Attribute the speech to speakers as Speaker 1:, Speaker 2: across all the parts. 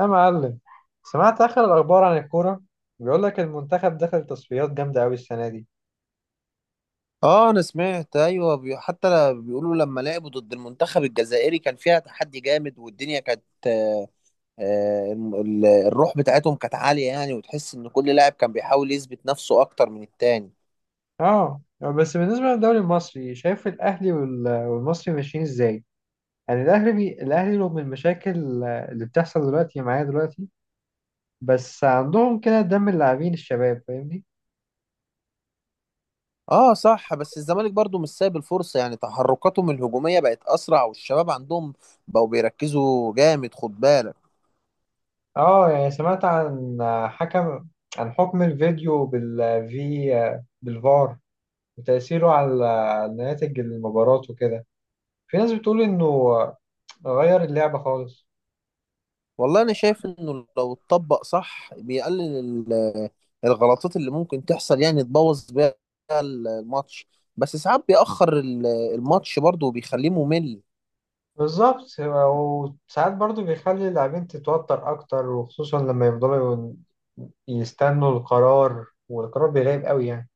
Speaker 1: يا معلم، سمعت آخر الأخبار عن الكورة. بيقول لك المنتخب دخل تصفيات جامدة أوي السنة دي.
Speaker 2: اه، انا سمعت ايوه. بيقولوا لما لعبوا ضد المنتخب الجزائري كان فيها تحدي جامد والدنيا كانت الروح بتاعتهم كانت عالية، يعني وتحس ان كل لاعب كان بيحاول يثبت نفسه اكتر من التاني.
Speaker 1: اه، بس بالنسبة للدوري المصري شايف الأهلي والمصري ماشيين إزاي؟ يعني الأهلي الأهلي رغم المشاكل اللي بتحصل دلوقتي معايا دلوقتي، بس عندهم كده دم اللاعبين الشباب، فاهمني؟
Speaker 2: اه، صح. بس الزمالك برضو مش سايب الفرصة، يعني تحركاتهم الهجومية بقت اسرع والشباب عندهم بقوا بيركزوا جامد، خد بالك.
Speaker 1: اه، يعني سمعت حكم عن حكم الفيديو بالفار وتأثيره على نتائج المباراة وكده. في ناس بتقول إنه غير اللعبة خالص.
Speaker 2: والله انا شايف انه لو اتطبق صح بيقلل ال- الغلطات اللي ممكن تحصل يعني تبوظ بيها الماتش. بس ساعات بيأخر الماتش برضه وبيخليه ممل.
Speaker 1: بالظبط، وساعات برضو بيخلي اللاعبين تتوتر أكتر، وخصوصا لما يفضلوا يستنوا القرار والقرار بيغيب قوي يعني.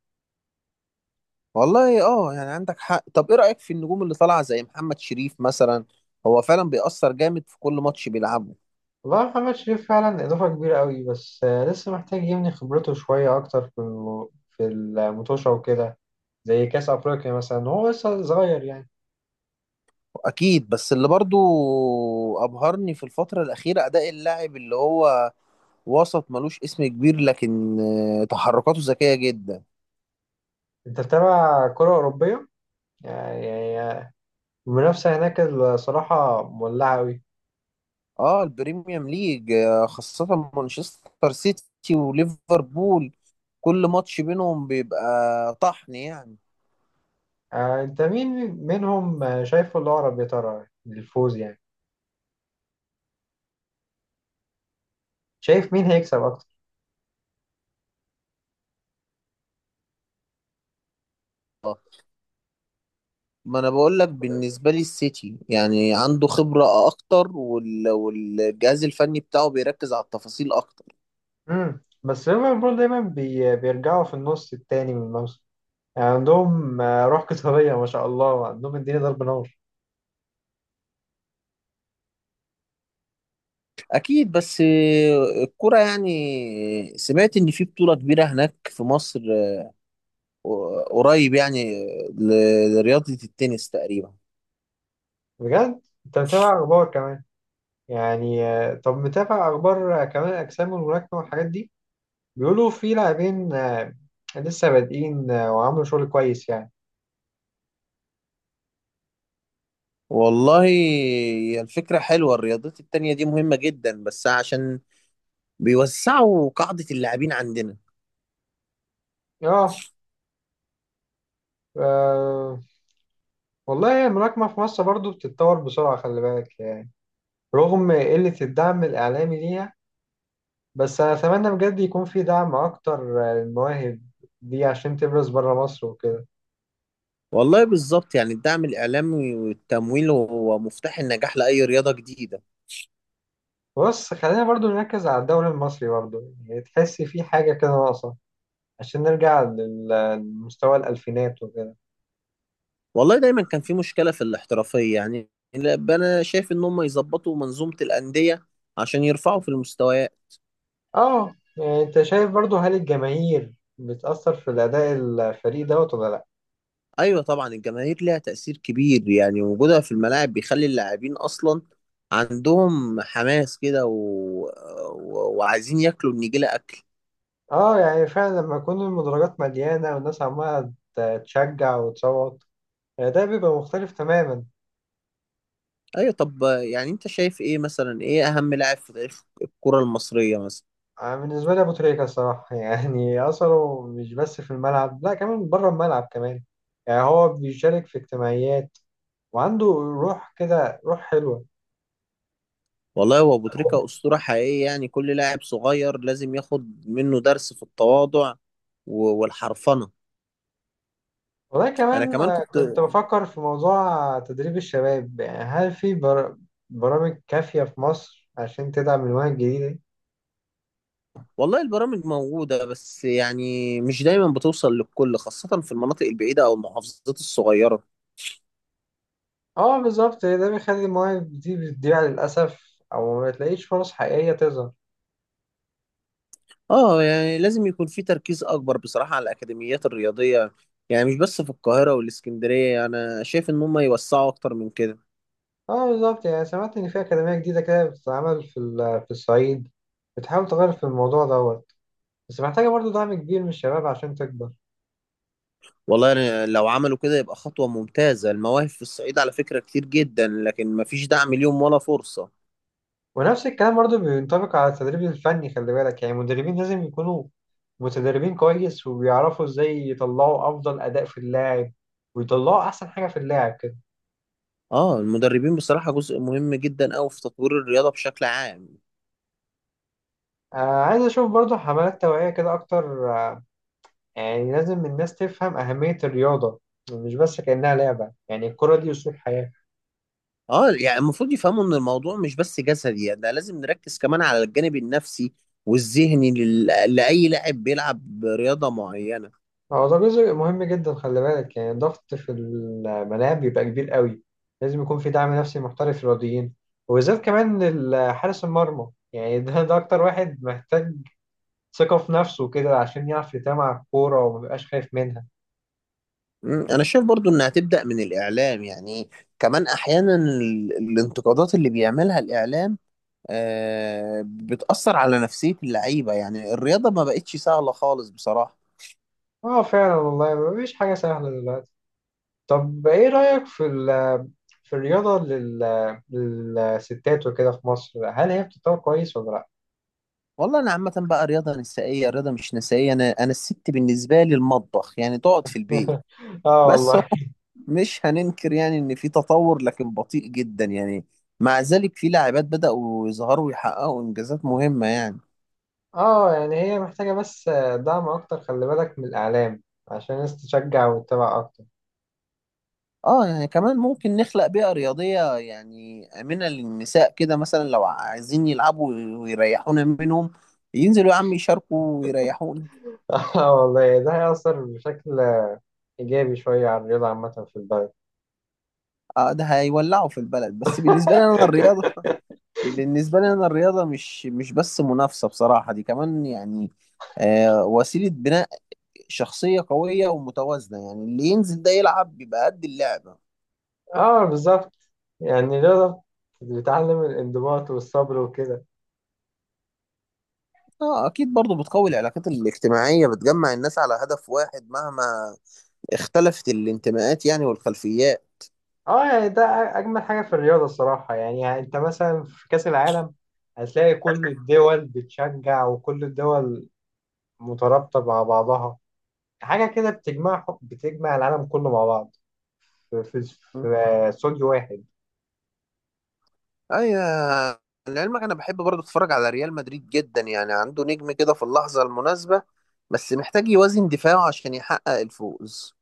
Speaker 2: والله اه، يعني عندك حق. طب ايه رأيك في النجوم اللي طالعة زي محمد شريف مثلا؟ هو فعلا بيأثر جامد في كل ماتش بيلعبه.
Speaker 1: والله محمد شريف فعلا إضافة كبيرة قوي، بس لسه محتاج يبني خبرته شوية أكتر في في المطوشة وكده، زي كأس أفريقيا مثلا. هو لسه صغير يعني.
Speaker 2: اكيد. بس اللي برضه ابهرني في الفترة الأخيرة اداء اللاعب اللي هو وسط ملوش اسم كبير، لكن تحركاته ذكية جدا.
Speaker 1: أنت بتتابع كرة أوروبية؟ يعني المنافسة هناك الصراحة مولعة قوي.
Speaker 2: اه، البريميوم ليج، خاصة مانشستر سيتي وليفربول. كل ماتش بينهم بيبقى طحن يعني.
Speaker 1: انت مين منهم شايفه الأقرب يا ترى للفوز يعني؟ شايف مين هيكسب أكتر؟
Speaker 2: ما انا بقول لك، بالنسبة لي السيتي يعني عنده خبرة اكتر، والجهاز الفني بتاعه بيركز على التفاصيل اكتر.
Speaker 1: بس ليفربول دايما بيرجعوا في النص التاني من الموسم، يعني عندهم روح قتالية ما شاء الله، عندهم الدنيا ضرب نار.
Speaker 2: اكيد. بس الكرة، يعني سمعت ان في بطولة كبيرة هناك في مصر قريب، يعني لرياضة التنس تقريبا.
Speaker 1: بجد؟ انت متابع أخبار كمان يعني؟ طب متابع أخبار كمان أجسام الملاكمة والحاجات دي؟ بيقولوا في لاعبين لسه بادئين وعملوا شغل كويس يعني.
Speaker 2: والله هي الفكرة حلوة. الرياضات التانية دي مهمة جدا، بس عشان بيوسعوا قاعدة اللاعبين عندنا.
Speaker 1: اه. آه، والله الملاكمة في مصر برضو بتتطور بسرعة، خلي بالك، رغم قلة الدعم الإعلامي ليها. بس أنا أتمنى بجد يكون في دعم أكتر للمواهب دي عشان تبرز بره مصر وكده.
Speaker 2: والله بالظبط. يعني الدعم الإعلامي والتمويل هو مفتاح النجاح لأي رياضة جديدة.
Speaker 1: بص، خلينا برضو نركز على الدوري المصري برضو. يعني تحس في حاجة كده ناقصة عشان نرجع لمستوى الألفينات وكده.
Speaker 2: والله دايما كان في مشكلة في الاحترافية. يعني أنا شايف إن هم يظبطوا منظومة الأندية عشان يرفعوا في المستويات.
Speaker 1: اه، يعني أنت شايف برضو هل الجماهير بتأثر في الأداء الفريق دوت ولا لأ؟
Speaker 2: أيوة طبعا. الجماهير ليها تأثير كبير، يعني وجودها في الملاعب بيخلي اللاعبين أصلا عندهم حماس كده وعايزين ياكلوا النجيلة.
Speaker 1: اه، يعني فعلا لما يكون المدرجات مليانة والناس عمالة تشجع وتصوت، يعني ده بيبقى مختلف تماما.
Speaker 2: ايوه. طب يعني انت شايف ايه مثلا، ايه اهم لاعب في تاريخ الكرة المصرية مثلا؟
Speaker 1: أنا بالنسبة لي أبو تريكة الصراحة يعني أثره مش بس في الملعب، لا كمان بره الملعب كمان. يعني هو بيشارك في اجتماعيات، وعنده روح كده، روح حلوة.
Speaker 2: والله هو ابو تريكة اسطورة حقيقية. يعني كل لاعب صغير لازم ياخد منه درس في التواضع والحرفنة.
Speaker 1: والله
Speaker 2: انا
Speaker 1: كمان
Speaker 2: كمان كنت.
Speaker 1: كنت بفكر في موضوع تدريب الشباب. يعني هل في برامج كافية في مصر عشان تدعم المواهب الجديدة؟
Speaker 2: والله البرامج موجودة. بس يعني مش دايما بتوصل للكل، خاصة في المناطق البعيدة او المحافظات الصغيرة.
Speaker 1: اه بالظبط، ده بيخلي المواهب دي بتضيع للأسف أو ما تلاقيش فرص حقيقية تظهر.
Speaker 2: اه، يعني لازم يكون في تركيز اكبر بصراحة على الاكاديميات الرياضية. يعني مش بس في القاهرة والاسكندرية، انا شايف ان هم يوسعوا اكتر من كده.
Speaker 1: اه بالظبط، يعني سمعت ان في اكاديميه جديده كده بتتعمل في الصعيد، بتحاول تغير في الموضوع دوت، بس محتاجه برضه دعم كبير من الشباب عشان تكبر.
Speaker 2: والله يعني لو عملوا كده يبقى خطوة ممتازة. المواهب في الصعيد على فكرة كتير جدا، لكن مفيش دعم ليهم ولا فرصة.
Speaker 1: ونفس الكلام برضه بينطبق على التدريب الفني، خلي بالك. يعني المدربين لازم يكونوا متدربين كويس وبيعرفوا ازاي يطلعوا افضل اداء في اللاعب، ويطلعوا احسن حاجه في اللاعب كده.
Speaker 2: اه. المدربين بصراحة جزء مهم جدا أوي في تطوير الرياضة بشكل عام.
Speaker 1: آه. عايز اشوف برضه حملات توعيه كده اكتر، يعني لازم الناس تفهم اهميه الرياضه، مش بس كانها لعبه. يعني الكره دي اسلوب حياه.
Speaker 2: اه، يعني المفروض يفهموا ان الموضوع مش بس جسدي. يعني ده لازم نركز كمان على الجانب النفسي والذهني لأي لاعب بيلعب رياضة معينة.
Speaker 1: هو ده جزء مهم جدا، خلي بالك. يعني الضغط في الملاعب بيبقى كبير قوي، لازم يكون في دعم نفسي محترف للرياضيين، وبالذات كمان حارس المرمى. يعني ده أكتر واحد محتاج ثقة في نفسه كده، عشان يعرف يتابع على الكورة ومبيبقاش خايف منها.
Speaker 2: انا شايف برضو انها تبدأ من الإعلام. يعني كمان احيانا الانتقادات اللي بيعملها الإعلام بتأثر على نفسية اللعيبة. يعني الرياضة ما بقتش سهلة خالص بصراحة.
Speaker 1: اه فعلا والله، مفيش حاجة سهلة دلوقتي. طب ايه رأيك في الرياضة للستات وكده في مصر، هل هي بتتطور كويس ولا لأ؟
Speaker 2: والله أنا عامة بقى رياضة نسائية رياضة مش نسائية، أنا الست بالنسبة لي المطبخ، يعني تقعد في البيت.
Speaker 1: اه
Speaker 2: بس هو
Speaker 1: والله.
Speaker 2: مش هننكر، يعني إن في تطور لكن بطيء جدا. يعني مع ذلك في لاعبات بدأوا يظهروا ويحققوا إنجازات مهمة يعني.
Speaker 1: اه يعني هي محتاجة بس دعم أكتر، خلي بالك، من الإعلام، عشان الناس تشجع وتتابع أكتر.
Speaker 2: اه، يعني كمان ممكن نخلق بيئة رياضية يعني آمنة للنساء، كده مثلا لو عايزين يلعبوا ويريحونا منهم ينزلوا يا عم يشاركوا ويريحونا.
Speaker 1: اه والله، ده هيأثر بشكل إيجابي شوية على الرياضة عامة في البلد.
Speaker 2: اه، ده هيولعوا في البلد. بس بالنسبة لي انا الرياضة مش بس منافسة بصراحة، دي كمان يعني وسيلة بناء شخصية قوية ومتوازنة، يعني اللي ينزل ده يلعب بيبقى قد اللعبة.
Speaker 1: اه بالظبط، يعني الرياضة بتعلم الانضباط والصبر وكده.
Speaker 2: اه اكيد. برضو بتقوي العلاقات الاجتماعية، بتجمع الناس على هدف واحد مهما اختلفت الانتماءات، يعني والخلفيات.
Speaker 1: اه يعني ده أجمل حاجة في الرياضة الصراحة. يعني أنت مثلا في كأس العالم هتلاقي كل الدول بتشجع، وكل الدول مترابطة مع بعضها، حاجة كده بتجمع العالم كله مع بعض في في في استوديو واحد.
Speaker 2: ايوه. لعلمك انا بحب برضه اتفرج على ريال مدريد جدا، يعني عنده نجم كده في اللحظه المناسبه، بس محتاج يوازن دفاعه عشان يحقق الفوز.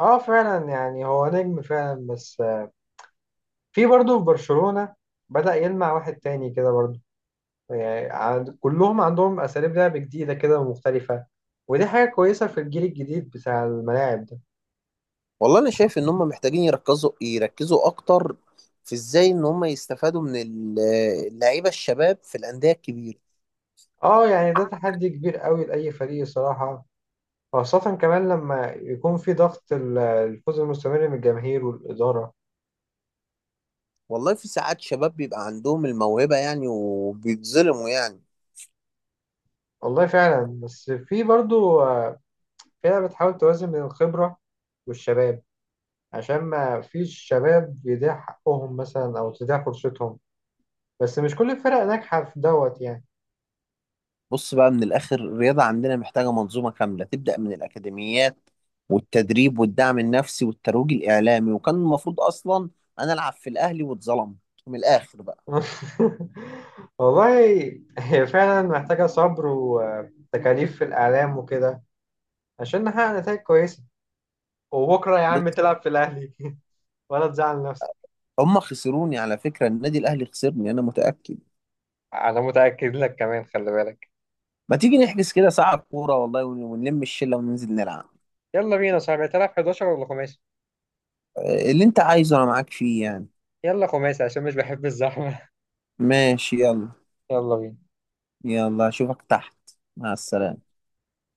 Speaker 1: اه فعلا، يعني هو نجم فعلا، بس في برضه في برشلونة بدأ يلمع واحد تاني كده برضه. يعني كلهم عندهم أساليب لعب جديدة كده ومختلفة، ودي حاجة كويسة في الجيل الجديد بتاع الملاعب ده.
Speaker 2: والله انا شايف ان هم محتاجين يركزوا اكتر في ازاي ان هم يستفادوا من اللعيبه الشباب في الانديه الكبيره.
Speaker 1: اه يعني ده تحدي كبير قوي لأي فريق الصراحة، خاصة كمان لما يكون في ضغط الفوز المستمر من الجماهير والإدارة.
Speaker 2: والله في ساعات شباب بيبقى عندهم الموهبه يعني، وبيتظلموا يعني.
Speaker 1: والله فعلا، بس في برضه فرقة بتحاول توازن بين الخبرة والشباب، عشان ما فيش شباب يضيع حقهم مثلا او تضيع فرصتهم، بس مش كل الفرق ناجحة في دوت يعني.
Speaker 2: بص بقى، من الآخر الرياضة عندنا محتاجة منظومة كاملة تبدأ من الأكاديميات والتدريب والدعم النفسي والترويج الإعلامي. وكان المفروض أصلا أنا ألعب في الأهلي واتظلمت، من الآخر بقى.
Speaker 1: والله هي فعلا محتاجة صبر وتكاليف في الإعلام وكده عشان نحقق نتائج كويسة. وبكرة يا عم
Speaker 2: بص،
Speaker 1: تلعب في الأهلي ولا تزعل نفسك.
Speaker 2: هم خسروني على فكرة. النادي الأهلي خسرني، أنا متأكد.
Speaker 1: انا متاكد لك كمان، خلي بالك.
Speaker 2: ما تيجي نحجز كده ساعة كورة والله ونلم الشلة وننزل نلعب.
Speaker 1: يلا بينا يا صاحبي، تلعب 11 ولا خماسي؟
Speaker 2: اللي أنت عايزه أنا معاك فيه يعني.
Speaker 1: يلا خماسي، عشان مش بحب الزحمه.
Speaker 2: ماشي، يلا.
Speaker 1: يلا
Speaker 2: يلا أشوفك تحت. مع
Speaker 1: بينا.
Speaker 2: السلامة.